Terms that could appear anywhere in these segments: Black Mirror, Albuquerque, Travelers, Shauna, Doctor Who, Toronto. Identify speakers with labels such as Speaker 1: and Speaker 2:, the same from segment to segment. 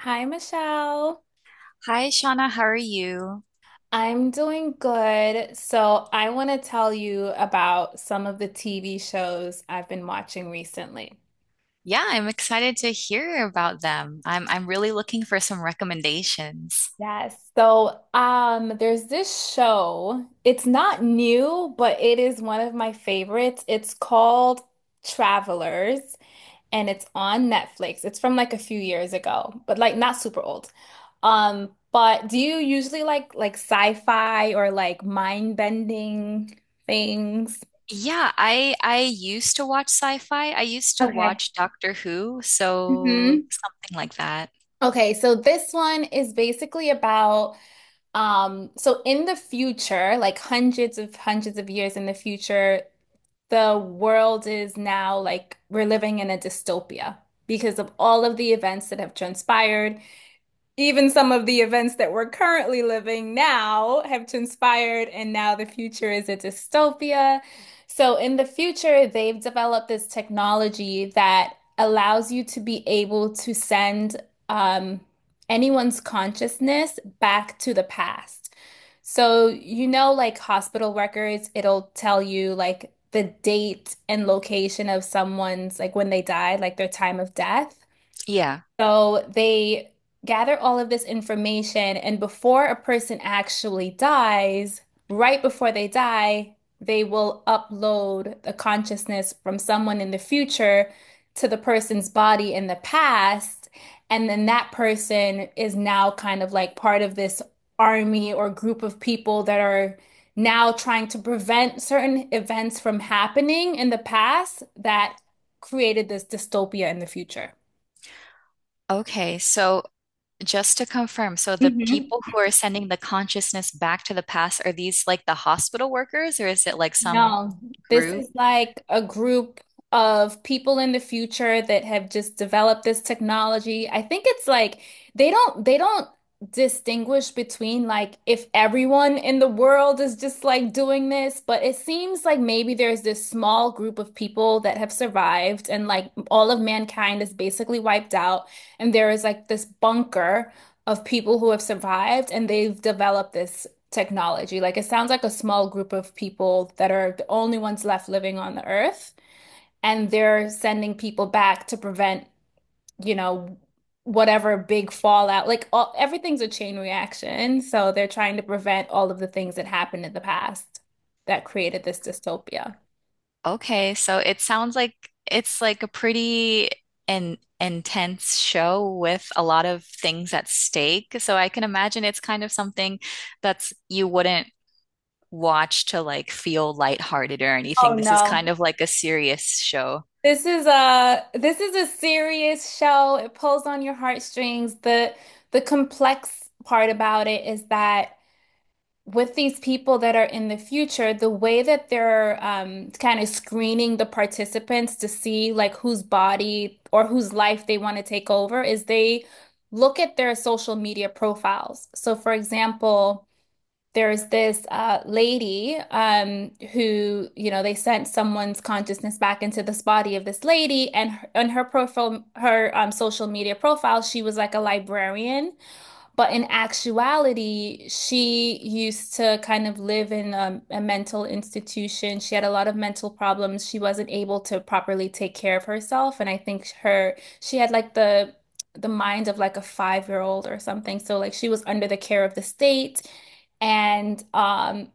Speaker 1: Hi, Michelle.
Speaker 2: Hi, Shauna. How are you?
Speaker 1: I'm doing good. So, I want to tell you about some of the TV shows I've been watching recently.
Speaker 2: Yeah, I'm excited to hear about them. I'm really looking for some recommendations.
Speaker 1: Yes. There's this show. It's not new, but it is one of my favorites. It's called Travelers, and it's on Netflix. It's from like a few years ago, but like not super old. But do you usually like sci-fi or like mind-bending things?
Speaker 2: Yeah, I used to watch sci-fi. I used to
Speaker 1: Okay.
Speaker 2: watch Doctor Who, so
Speaker 1: hmm
Speaker 2: something like that.
Speaker 1: Okay, so this one is basically about so in the future, like hundreds of years in the future, the world is now like we're living in a dystopia because of all of the events that have transpired. Even some of the events that we're currently living now have transpired, and now the future is a dystopia. So, in the future, they've developed this technology that allows you to be able to send um, anyone's consciousness back to the past. So, you know, like hospital records, it'll tell you like the date and location of someone's, like when they died, like their time of death.
Speaker 2: Yeah.
Speaker 1: So they gather all of this information, and before a person actually dies, right before they die, they will upload the consciousness from someone in the future to the person's body in the past. And then that person is now kind of like part of this army or group of people that are now trying to prevent certain events from happening in the past that created this dystopia in the future.
Speaker 2: Okay, so just to confirm, so the
Speaker 1: Mm-hmm.
Speaker 2: people who are sending the consciousness back to the past, are these like the hospital workers or is it like some
Speaker 1: No, this
Speaker 2: group?
Speaker 1: is like a group of people in the future that have just developed this technology. I think it's like they don't distinguish between like if everyone in the world is just like doing this, but it seems like maybe there's this small group of people that have survived and like all of mankind is basically wiped out, and there is like this bunker of people who have survived and they've developed this technology. Like it sounds like a small group of people that are the only ones left living on the earth, and they're sending people back to prevent, you know, whatever big fallout. Like all, everything's a chain reaction, so they're trying to prevent all of the things that happened in the past that created this dystopia.
Speaker 2: Okay, so it sounds like it's like a pretty an intense show with a lot of things at stake. So I can imagine it's kind of something that's you wouldn't watch to like feel lighthearted or
Speaker 1: Oh
Speaker 2: anything. This is
Speaker 1: no.
Speaker 2: kind of like a serious show.
Speaker 1: This is a serious show. It pulls on your heartstrings. The complex part about it is that with these people that are in the future, the way that they're kind of screening the participants to see like whose body or whose life they want to take over is they look at their social media profiles. So, for example, there's this lady who, you know, they sent someone's consciousness back into this body of this lady, and her, on her profile, her social media profile, she was like a librarian. But in actuality, she used to kind of live in a mental institution. She had a lot of mental problems. She wasn't able to properly take care of herself. And I think her, she had like the mind of like a five-year-old or something. So like she was under the care of the state. And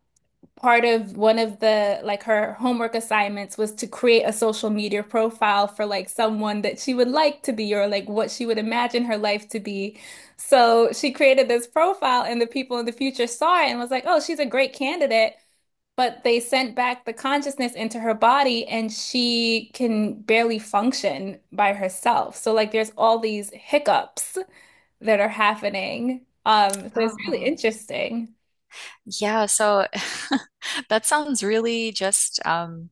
Speaker 1: Part of one of the like her homework assignments was to create a social media profile for like someone that she would like to be or like what she would imagine her life to be. So she created this profile and the people in the future saw it and was like, "Oh, she's a great candidate." But they sent back the consciousness into her body and she can barely function by herself. So like there's all these hiccups that are happening. So it's really
Speaker 2: Oh.
Speaker 1: interesting.
Speaker 2: Yeah, so that sounds really just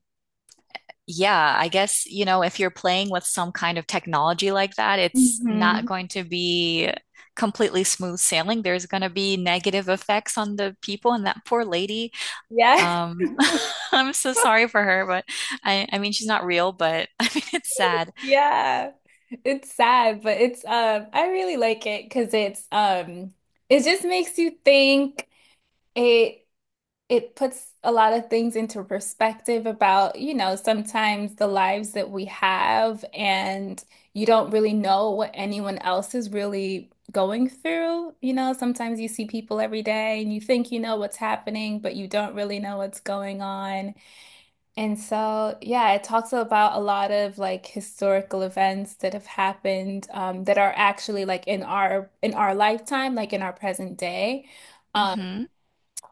Speaker 2: Yeah, I guess, you know, if you're playing with some kind of technology like that, it's not
Speaker 1: hmm
Speaker 2: going to be completely smooth sailing. There's going to be negative effects on the people and that poor lady.
Speaker 1: Yeah.
Speaker 2: Um, I'm so sorry for her, but I mean, she's not real, but I mean, it's sad.
Speaker 1: Yeah. It's sad, but it's I really like it because it's it just makes you think. It it puts a lot of things into perspective about, you know, sometimes the lives that we have, and you don't really know what anyone else is really going through. You know, sometimes you see people every day and you think you know what's happening, but you don't really know what's going on. And so, yeah, it talks about a lot of like historical events that have happened that are actually like in our lifetime, like in our present day. Um,
Speaker 2: Hmm.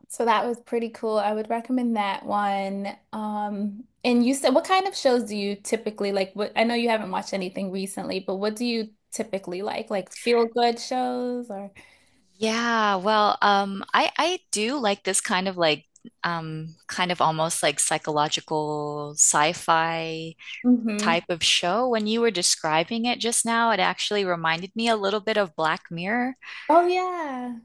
Speaker 1: so that was pretty cool. I would recommend that one. And you said, what kind of shows do you typically like? What, I know you haven't watched anything recently, but what do you typically like? Like feel good shows or?
Speaker 2: Yeah, well, I do like this kind of like kind of almost like psychological sci-fi
Speaker 1: Hmm
Speaker 2: type of show. When you were describing it just now, it actually reminded me a little bit of Black Mirror.
Speaker 1: Oh yeah.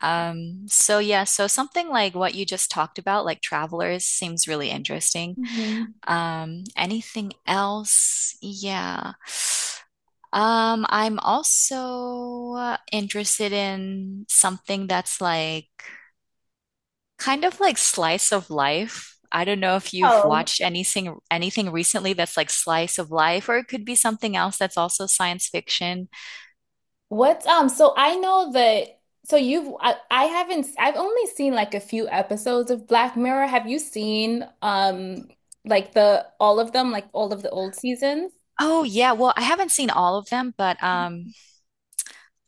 Speaker 2: So yeah, so something like what you just talked about, like Travelers, seems really interesting.
Speaker 1: hmm
Speaker 2: Anything else? Yeah. I'm also interested in something that's like kind of like slice of life. I don't know if you've
Speaker 1: Oh,
Speaker 2: watched anything recently that's like slice of life, or it could be something else that's also science fiction.
Speaker 1: What's so I know that so you've I haven't I've only seen like a few episodes of Black Mirror. Have you seen like the all of them, like all of the old seasons?
Speaker 2: Oh yeah, well, I haven't seen all of them, but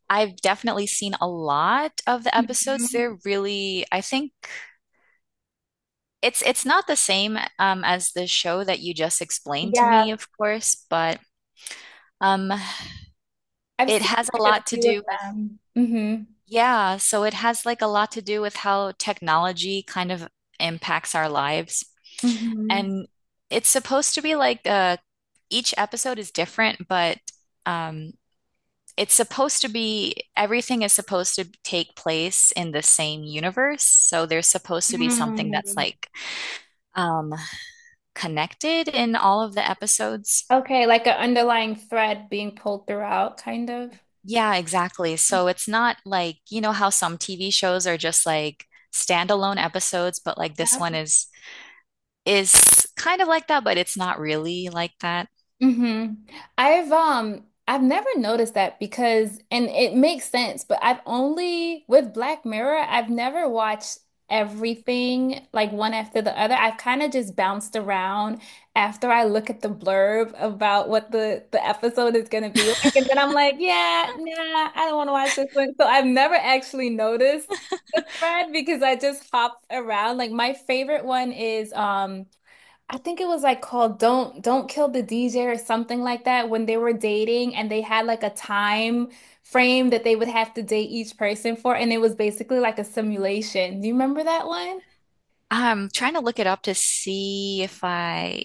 Speaker 2: I've definitely seen a lot of the episodes.
Speaker 1: Mhm.
Speaker 2: They're really, I think it's not the same as the show that you just explained to
Speaker 1: Yeah,
Speaker 2: me, of course, but um
Speaker 1: I've
Speaker 2: it
Speaker 1: seen
Speaker 2: has a
Speaker 1: like a
Speaker 2: lot to
Speaker 1: few of
Speaker 2: do with
Speaker 1: them. Mm-hmm.
Speaker 2: yeah, so it has like a lot to do with how technology kind of impacts our lives.
Speaker 1: Mm-hmm.
Speaker 2: And it's supposed to be like each episode is different, but um it's supposed to be everything is supposed to take place in the same universe so there's supposed to be something that's
Speaker 1: Mm.
Speaker 2: like um connected in all of the episodes.
Speaker 1: Okay, like an underlying thread being pulled throughout, kind of.
Speaker 2: Yeah, exactly, so it's not like you know how some TV shows are just like standalone episodes but like this one is kind of like that but it's not really like that.
Speaker 1: Hmm I've never noticed that because and it makes sense, but I've only with Black Mirror, I've never watched everything like one after the other. I've kind of just bounced around after I look at the blurb about what the episode is going to be like, and then I'm like, yeah, nah, I don't want to watch this one. So I've never actually noticed the thread because I just hop around. Like my favorite one is. I think it was like called Don't Kill the DJ or something like that when they were dating and they had like a time frame that they would have to date each person for and it was basically like a simulation. Do you remember that one?
Speaker 2: I'm trying to look it up to see if I,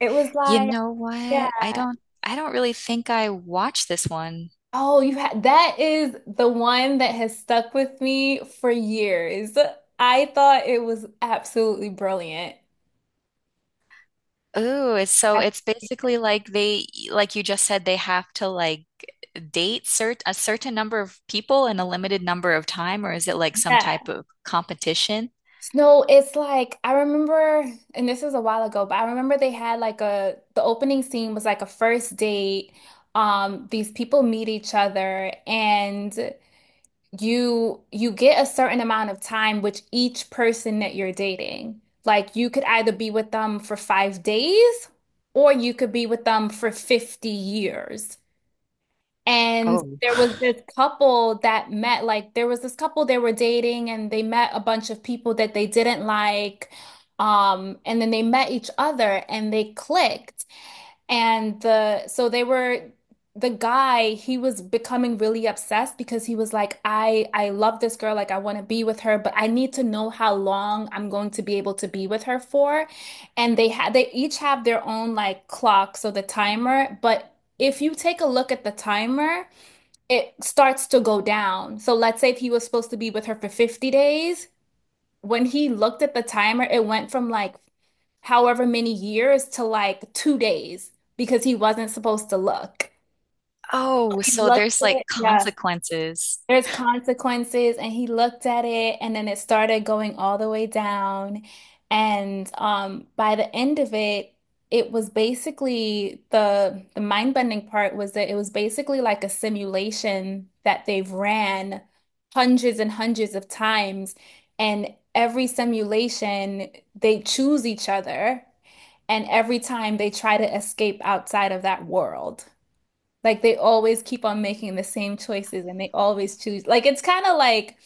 Speaker 1: It was
Speaker 2: you
Speaker 1: like,
Speaker 2: know what, i
Speaker 1: yeah.
Speaker 2: don't i don't really think I watched this one.
Speaker 1: Oh, you had that is the one that has stuck with me for years. I thought it was absolutely brilliant.
Speaker 2: Ooh, it's so it's basically like they, like you just said, they have to like date cert a certain number of people in a limited number of time, or is it like some type of competition?
Speaker 1: No, it's like I remember, and this was a while ago, but I remember they had like a the opening scene was like a first date. These people meet each other and you get a certain amount of time with each person that you're dating. Like you could either be with them for 5 days or you could be with them for 50 years. And
Speaker 2: Oh.
Speaker 1: there was this couple that met, like, there was this couple they were dating, and they met a bunch of people that they didn't like. And then they met each other and they clicked. And the, so they were, the guy, he was becoming really obsessed because he was like, I love this girl. Like, I want to be with her, but I need to know how long I'm going to be able to be with her for. And they had, they each have their own like clock. So the timer, but if you take a look at the timer, it starts to go down. So let's say if he was supposed to be with her for 50 days, when he looked at the timer, it went from like however many years to like 2 days because he wasn't supposed to look.
Speaker 2: Oh,
Speaker 1: He
Speaker 2: so
Speaker 1: looked
Speaker 2: there's
Speaker 1: at
Speaker 2: like
Speaker 1: it, yeah.
Speaker 2: consequences.
Speaker 1: There's consequences, and he looked at it, and then it started going all the way down. And By the end of it, it was basically the mind-bending part was that it was basically like a simulation that they've ran hundreds and hundreds of times, and every simulation they choose each other, and every time they try to escape outside of that world. Like they always keep on making the same choices and they always choose. Like it's kind of like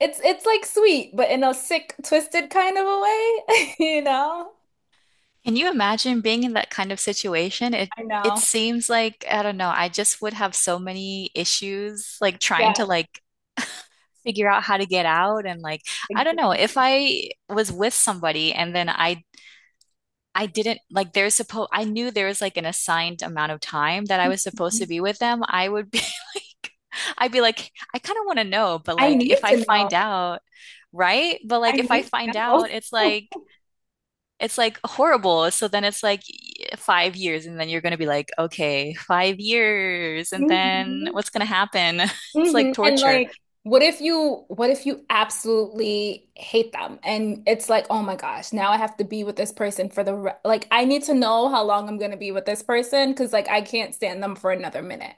Speaker 1: it's like sweet, but in a sick, twisted kind of a way, you know?
Speaker 2: Can you imagine being in that kind of situation? It
Speaker 1: I
Speaker 2: it
Speaker 1: know.
Speaker 2: seems like I don't know, I just would have so many issues like trying to
Speaker 1: Yeah,
Speaker 2: like figure out how to get out and like I don't know,
Speaker 1: exactly.
Speaker 2: if I was with somebody and then I didn't like there's supposed I knew there was like an assigned amount of time that I was supposed to be with them. I would be like I'd be like I kind of want to know, but
Speaker 1: I
Speaker 2: like if
Speaker 1: need
Speaker 2: I
Speaker 1: to know.
Speaker 2: find out, right? But
Speaker 1: I
Speaker 2: like if I
Speaker 1: need
Speaker 2: find
Speaker 1: to
Speaker 2: out,
Speaker 1: know.
Speaker 2: it's like horrible. So then it's like 5 years and then you're going to be like, okay, 5 years and then
Speaker 1: Mhm.
Speaker 2: what's going to happen? It's like
Speaker 1: Mhm. And
Speaker 2: torture.
Speaker 1: like, what if you absolutely hate them and it's like, oh my gosh, now I have to be with this person for the re like I need to know how long I'm gonna be with this person because like I can't stand them for another minute.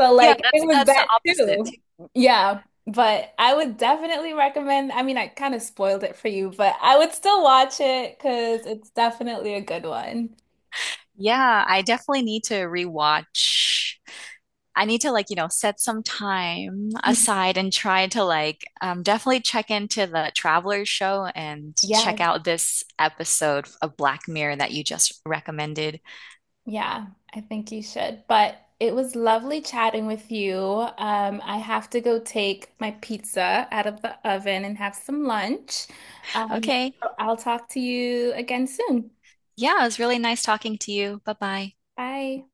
Speaker 1: So
Speaker 2: Yeah,
Speaker 1: like
Speaker 2: that's
Speaker 1: it was
Speaker 2: that's the
Speaker 1: that
Speaker 2: opposite.
Speaker 1: too. Yeah. But I would definitely recommend, I mean, I kind of spoiled it for you, but I would still watch it because it's definitely a good one.
Speaker 2: Yeah, I definitely need to rewatch, I need to like, you know, set some time
Speaker 1: Mhm.
Speaker 2: aside and try to like definitely check into the Travelers show and check
Speaker 1: Yes.
Speaker 2: out this episode of Black Mirror that you just recommended.
Speaker 1: Yeah, I think you should. But it was lovely chatting with you. I have to go take my pizza out of the oven and have some lunch. Um,
Speaker 2: Okay.
Speaker 1: so I'll talk to you again soon.
Speaker 2: Yeah, it was really nice talking to you. Bye bye.
Speaker 1: Bye.